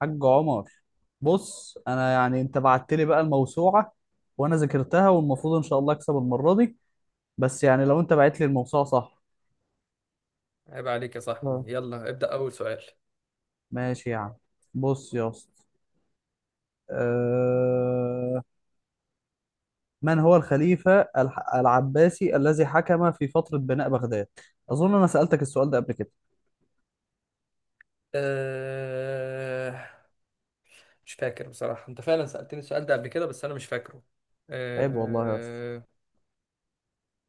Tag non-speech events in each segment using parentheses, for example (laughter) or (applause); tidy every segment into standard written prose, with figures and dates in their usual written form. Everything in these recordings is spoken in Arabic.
حاج عمر، بص انا يعني انت بعت لي بقى الموسوعه وانا ذاكرتها والمفروض ان شاء الله اكسب المره دي. بس يعني لو انت بعت لي الموسوعه صح. عيب عليك يا صاحبي، آه. يلا ابدأ أول سؤال. ماشي يا عم. بص يا اسطى، أه... من هو الخليفه العباسي الذي حكم في فتره بناء بغداد؟ اظن انا سالتك السؤال ده قبل كده. أه... مش فاكر بصراحة، أنت فعلا سألتني السؤال ده قبل كده بس أنا مش فاكره. عيب والله يا اسطى، أه...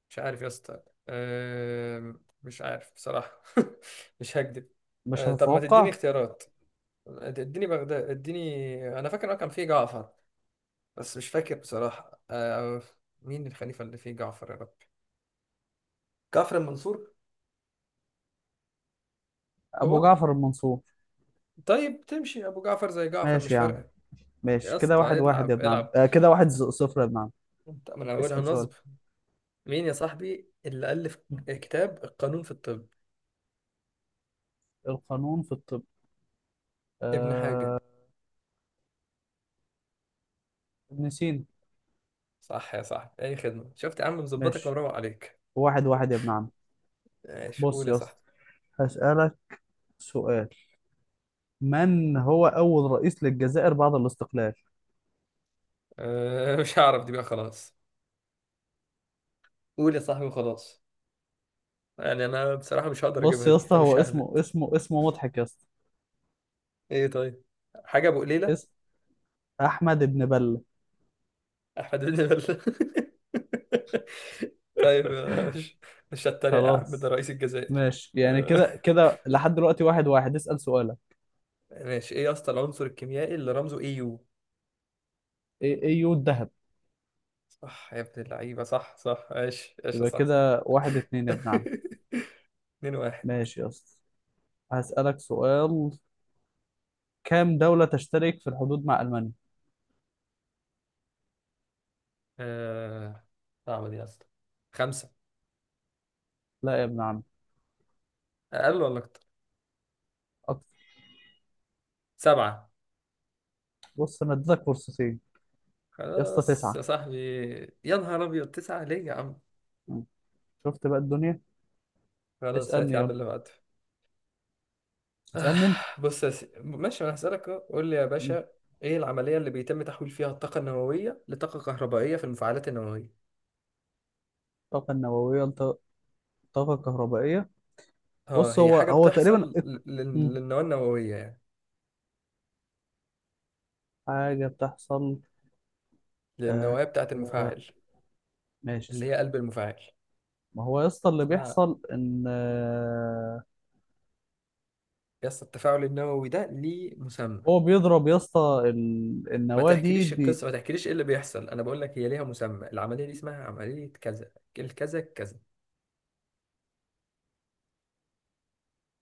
مش عارف يا اسطى. أه... مش عارف بصراحة. (laughs) مش هكدب. مش طب ما تديني هتتوقع. اختيارات، اديني بغداد، اديني، أنا فاكر كان فيه جعفر، بس مش فاكر بصراحة. مين الخليفة اللي فيه جعفر؟ يا رب، جعفر المنصور. ابو هو. جعفر المنصور. طيب، تمشي أبو جعفر زي جعفر، ماشي مش يا فارقة. عم. يا ماشي كده اسطى واحد واحد يا العب ابن عم. العب، أه كده واحد صفر يا ابن عم. انت من اولها اسال سؤال. نصب. مين يا صاحبي اللي الف كتاب القانون في الطب؟ القانون في الطب. ابن آه، حاجه. ابن سينا. صح يا صاحبي، اي خدمه، شفت يا عم، مظبطك ماشي، ومروق عليك. واحد واحد يا ابن عم. ماشي، بص قول يا يا اسطى، صاحبي. هسألك سؤال. من هو أول رئيس للجزائر بعد الاستقلال؟ (laughs) مش هعرف دي بقى، خلاص. قول يا صاحبي وخلاص. يعني انا بصراحه مش هقدر بص اجيبها يا دي، اسطى، هو فمش ههبد. اسمه مضحك يا اسطى. ايه؟ طيب، حاجه ابو قليله. اسم أحمد ابن بلة. احمد بن بل. (laughs) طيب. مش مش هتريق يا عم، ده خلاص، رئيس الجزائر. ماشي، يعني أه، كده كده لحد دلوقتي واحد واحد. اسأل سؤالك. ماشي، ايه يا اسطى العنصر الكيميائي اللي رمزه اي يو؟ ايه ايه، يود دهب. صح يا ابن اللعيبة، صح صح، ايش ايش، يبقى صح. كده واحد (laughs) اتنين يا ابن عم. 2-1. ماشي يا اسطى، هسألك سؤال. كام دولة تشترك في الحدود مع ألمانيا؟ آه... صعبة دي أصلا. خمسة. لا يا ابن عم. أقل ولا أكتر؟ أكتر. سبعة. بص انا اديتك فرصتين. يا اسطى، خلاص تسعة. يا صاحبي. يا نهار أبيض، تسعة ليه يا عم؟ شفت بقى الدنيا. خلاص، هات اسألني يا عم يلا. اللي بعده. (sighs) آه... اسألني انت. ماشي، أنا هسألك أهو. قول لي يا مم. باشا، إيه العملية اللي بيتم تحويل فيها الطاقة النووية لطاقة كهربائية في المفاعلات النووية؟ الطاقة النووية، الطاقة الكهربائية. اه، بص هي هو حاجة هو تقريبا بتحصل مم. للنواة النووية يعني، حاجة بتحصل. آه. للنواة بتاعة آه. المفاعل، ماشي اللي استنى. هي قلب المفاعل. ما هو يا اسطى اللي اسمها بيحصل ان يس التفاعل النووي ده ليه مسمى. هو بيضرب يا اسطى ما النواة دي تحكيليش القصة، ما تحكيليش ايه اللي بيحصل، انا بقول لك هي ليها مسمى، العملية دي اسمها عملية كذا، الكذا كذا.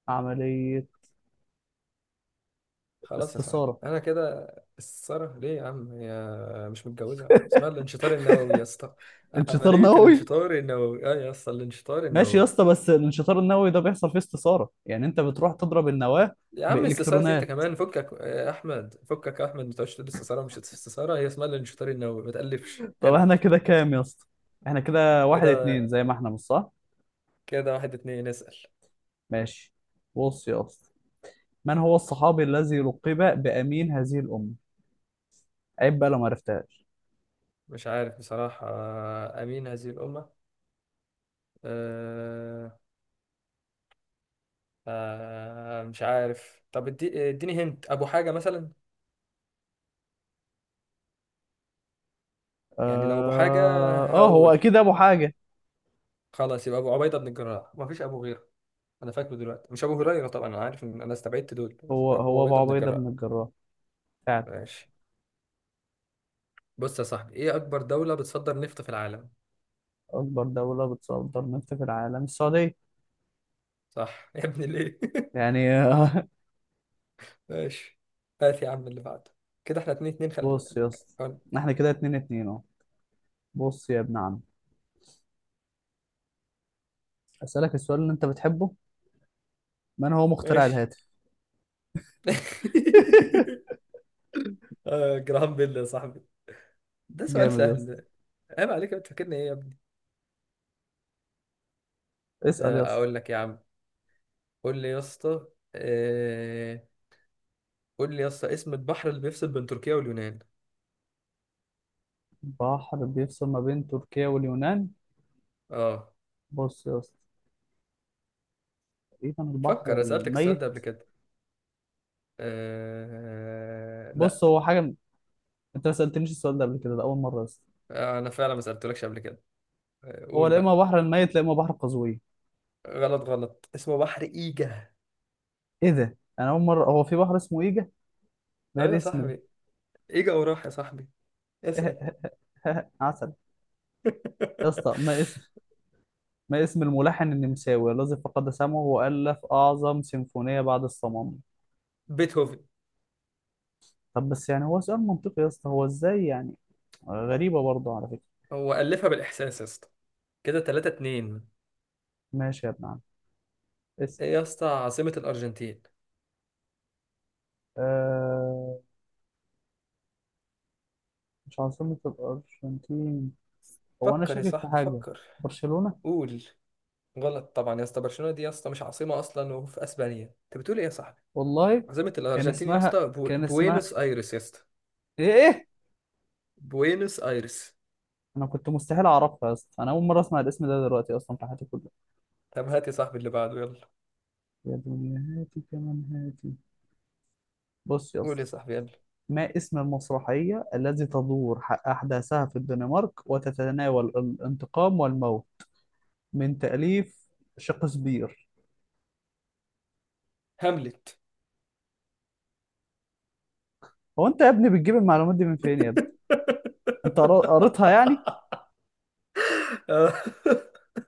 بعملية خلاص يا صاحبي استثارة. انا كده. السارة ليه يا عم، هي مش متجوزة، (laughs) اسمها الانشطار النووي يا اسطى. انشطار عملية نووي. الانشطار النووي، اه يا اسطى، الانشطار ماشي يا النووي. اسطى، بس الانشطار النووي ده بيحصل فيه استثارة، يعني انت بتروح تضرب النواة يا عم استثارة؟ انت بإلكترونات. كمان فكك يا احمد، فكك يا احمد، ما تقعدش تقول استثارة مش استثارة، هي اسمها الانشطار النووي، ما تقلفش طب العب. احنا كده كام يا اسطى؟ احنا كده واحد اتنين كده، زي ما احنا مش صح؟ كده واحد اتنين، اسأل. ماشي. بص يا اسطى، من هو الصحابي الذي لقب بأمين هذه الأمة؟ عيب بقى لو ما عرفتهاش. مش عارف بصراحة، آه، أمين هذه الأمة. أه أه مش عارف، طب اديني هنت أبو حاجة مثلا. يعني لو أبو حاجة، اه هو هقول اكيد ابو حاجة. خلاص يبقى أبو عبيدة بن الجراح، مفيش أبو غيره. أنا فاكره دلوقتي، مش أبو هريرة طبعا، أنا عارف إن أنا استبعدت دول، بس هو أبو هو ابو عبيدة بن عبيدة الجراح. بن الجراح فعلا. ماشي. بص يا صاحبي، إيه أكبر دولة بتصدر نفط في العالم؟ اكبر دولة بتصدر نفط في العالم السعودية. صح (laughs) يا ابني، ليه؟ يعني (laughs) ماشي. هات يا عم اللي بعده، كده احنا 2-2، (laughs) خلي بص يا بالك. اسطى، حلو. احنا كده اتنين اتنين اهو. بص يا ابن عم، اسألك السؤال اللي انت بتحبه. من هو مخترع ماشي. الهاتف؟ (laughs) (laughs) جرام بيل يا صاحبي، ده سؤال جامد يا سهل اسطى. ده. عيب عليك، بتفكرني ايه يا ابني؟ اسأل يا اسطى. اقول لك يا عم، قول لي يا اسطى. آه، قول لي يا اسطى، اسم البحر اللي بيفصل بين تركيا واليونان. بحر بيفصل ما بين تركيا واليونان. اه، بص يا اسطى، تقريبا فكر، البحر أنا سألتك السؤال ده الميت. قبل كده؟ بص لا. هو انت ما سالتنيش السؤال ده قبل كده، ده اول مره يا اسطى. انا فعلا ما سألتلكش قبل كده. هو قول لا اما بقى. بحر الميت لا اما بحر قزوين. غلط غلط، اسمه بحر ايجا. ايه ده، انا اول مره هو في بحر اسمه ايجا؟ ده إيه ايوه يا الاسم ده؟ صاحبي، ايجا، وراح يا صاحبي، اسأل. (laughs) عسل. يا اسطى ما اسم، (laughs) ما اسم الملحن النمساوي الذي فقد سمعه والف اعظم سيمفونيه بعد الصمام؟ بيتهوفن. طب بس يعني هو سؤال منطقي يا اسطى، هو ازاي يعني؟ غريبه برضه على فكره. هو ألفها بالإحساس يا اسطى. كده 3-2. ماشي يا ابن عم، اسال. ايه يا اسطى عاصمة الأرجنتين؟ آه، مش عاصمة الأرجنتين، هو أنا فكر يا شاكك في صاحبي حاجة. فكر. برشلونة. قول. غلط طبعا يا اسطى، برشلونه دي يا اسطى مش عاصمه اصلا وفي اسبانيا، انت بتقول ايه يا صاحبي؟ والله عاصمه كان الارجنتين يا اسمها اسطى كان اسمها بوينوس ايرس يا اسطى. إيه إيه؟ بوينوس ايرس. أنا كنت مستحيل أعرفها يا اسطى، أنا أول مرة أسمع الاسم ده دلوقتي أصلا في حياتي كلها. طب هات يا صاحبي اللي بعده يلا. يا دنيا هاتي كمان، هاتي. بص يا قول اسطى، يا صاحبي يلا. ما اسم المسرحية التي تدور أحداثها في الدنمارك وتتناول الانتقام والموت، من تأليف شكسبير؟ هاملت. هو أنت يا ابني بتجيب المعلومات دي من فين يا ابني؟ أنت قريتها يعني؟ (laughs) آه.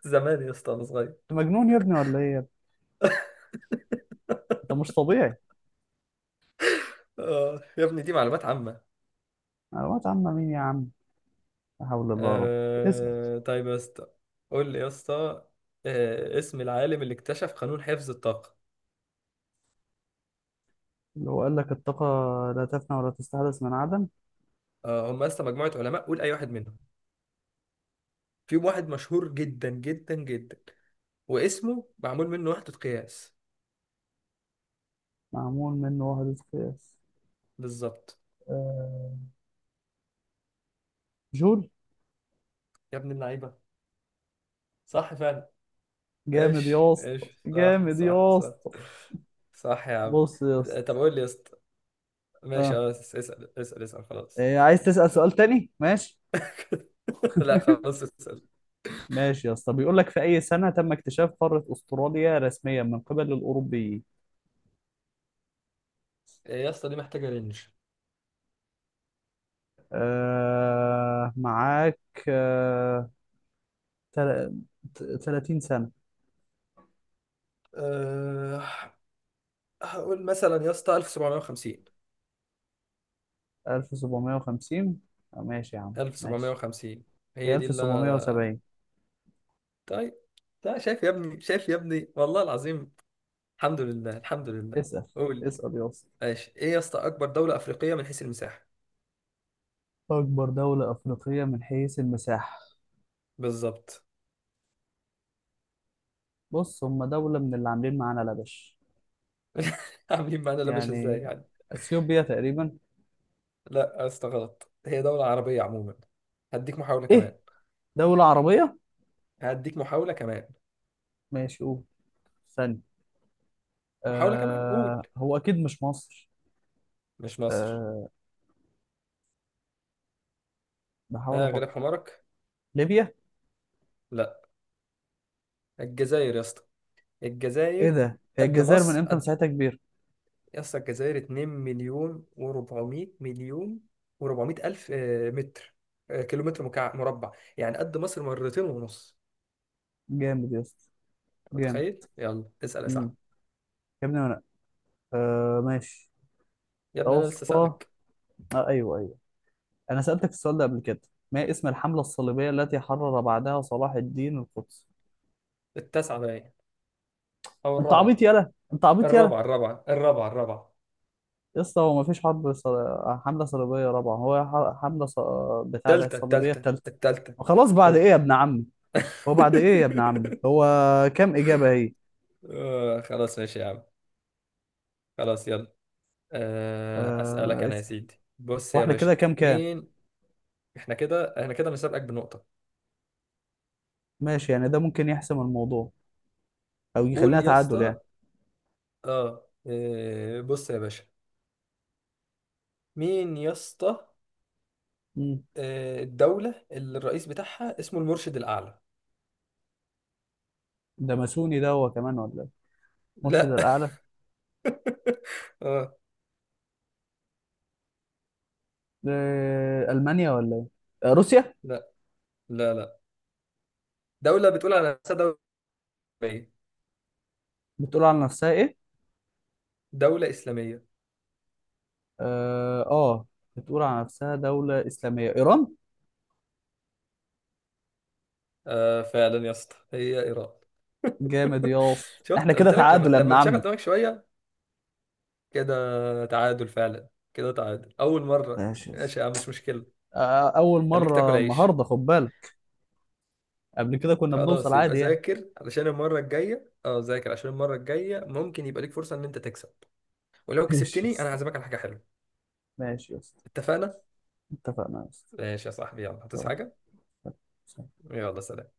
زمان يا اسطى انا صغير. أنت مجنون يا ابني ولا إيه يا ابني؟ أنت مش طبيعي. يا ابني دي معلومات عامه. معلومات عامة مين يا عم؟ لا حول الله يا رب. اسأل. طيب يا اسطى. قول لي يا اسطى، اسم العالم اللي اكتشف قانون حفظ الطاقه. اللي هو قال لك الطاقة لا تفنى ولا تستحدث من عدم. هم يا اسطى مجموعه علماء، قول اي واحد منهم. في واحد مشهور جدا جدا جدا، واسمه معمول منه وحدة قياس. معمول من وحدة قياس. بالظبط. آه، جول. يا ابن اللعيبة، صح فعلا. جامد ايش يا اسطى، ايش، صح جامد صح يا صح. اسطى. صح يا عم. بص يا طب اسطى. قول لي يا اسطى. ماشي، اه اه، اسأل اسأل اسأل، خلاص. إيه، عايز تسأل سؤال تاني؟ ماشي. (laughs) لا (laughs) خلاص، اسأل. ماشي يا اسطى. بيقول لك في أي سنة تم اكتشاف قارة أستراليا رسميا من قبل الأوروبيين؟ إيه يا اسطى دي محتاجة رينج. آه معاك. آه. تل- 30 سنة. أه... هقول مثلا يا اسطى 1750. 1750؟ آه، ماشي يا عم ماشي. 1750 هي هي دي اللي انا. 1770. طيب، لا شايف يا ابني، شايف يا ابني والله العظيم. الحمد لله، الحمد لله. اسأل. قول. اسأل يا اسطى. ماشي، ايه يا اسطى اكبر دولة افريقية من حيث المساحة؟ أكبر دولة أفريقية من حيث المساحة. بالظبط. بص هم دولة من اللي عاملين معانا لبش (laughs) عاملين معانا، لا مش، ازاي يعني. يعني. أثيوبيا تقريبا. لا يا اسطى غلط، هي دولة عربية عموما. هديك محاولة كمان. إيه؟ دولة عربية. هديك محاولة كمان. ماشي قول. ثانية. محاولة كمان، آه قول. هو أكيد مش مصر. مش مصر. آه، بحاول ها، غلب أفكر. حمارك. ليبيا. لا، الجزائر يا اسطى، إيه الجزائر. ده، هي قد الجزائر من مصر إمتى قد. مساحتها كبيرة؟ يا اسطى الجزائر 2 مليون و400 مليون، و400 الف متر، كيلومتر مربع. يعني قد مصر مرتين ونص. جامد يا اسطى، جامد. متخيل، يلا اسأل يا مم. صاحبي. يا ابني أنا، آه ماشي. يا ابني يا انا لسه اسطى، سألك. آه أيوه أيوه، أنا سألتك السؤال ده قبل كده. ما اسم الحملة الصليبية التي حرر بعدها صلاح الدين القدس؟ التاسعة باين، او أنت عبيط الرابعة. يالا، أنت عبيط يالا. الرابعة الرابعة الرابعة الرابعة. يا اسطى هو مفيش حملة صليبية رابعة، هو بتاع ده التالتة الصليبية التالتة التالتة. التالتة خلاص، بعد إيه التالتة. يا ابن عمي؟ هو بعد إيه يا ابن عمي؟ هو كام إجابة هي؟ (laughs) خلاص ماشي يا عم. خلاص يلا. اسألك انا يا اسأل. سيدي، بص يا وإحنا باشا. كده كام كام؟ مين؟ احنا كده مسابقك بنقطة. ماشي، يعني ده ممكن يحسم الموضوع أو يخلينا قول يا تعادل يعني. اسطى. بص يا باشا. مين يا اسطى. مم. الدولة اللي الرئيس بتاعها اسمه المرشد الأعلى. ده ماسوني ده هو كمان ولا إيه؟ مرشد لا (laughs) الأعلى. اه. ألمانيا ولا إيه؟ آه، روسيا. لا لا. لا دولة بتقول على نفسها دولة إسلامية. بتقول على نفسها إيه؟ دولة إسلامية. اه بتقول على نفسها دولة إسلامية، إيران. آه، فعلا يا اسطى هي إيران. جامد (laughs) يا اسطى، احنا شفت، كده قلت لك، لما تعادل يا ابن لما بتشغل عم. دماغك شوية، كده تعادل فعلا. كده تعادل أول مرة، ماشي يا اسطى. ماشي يا عم مش مشكلة. آه، أول خليك تاكل مرة عيش. النهاردة، خد بالك. قبل كده كنا بنوصل خلاص يبقى عادي يعني. ذاكر علشان المرة الجاية، اه ذاكر عشان المرة الجاية، ممكن يبقى ليك فرصة إن أنت تكسب. ولو (laughs) ماشي يا كسبتني أنا اسطى، هعزمك على حاجة حلوة. ماشي يا اسطى. اتفقنا؟ اتفقنا يا اسطى. ماشي يا صاحبي، يلا هتصحى حاجة؟ يلا. يلا، سلام.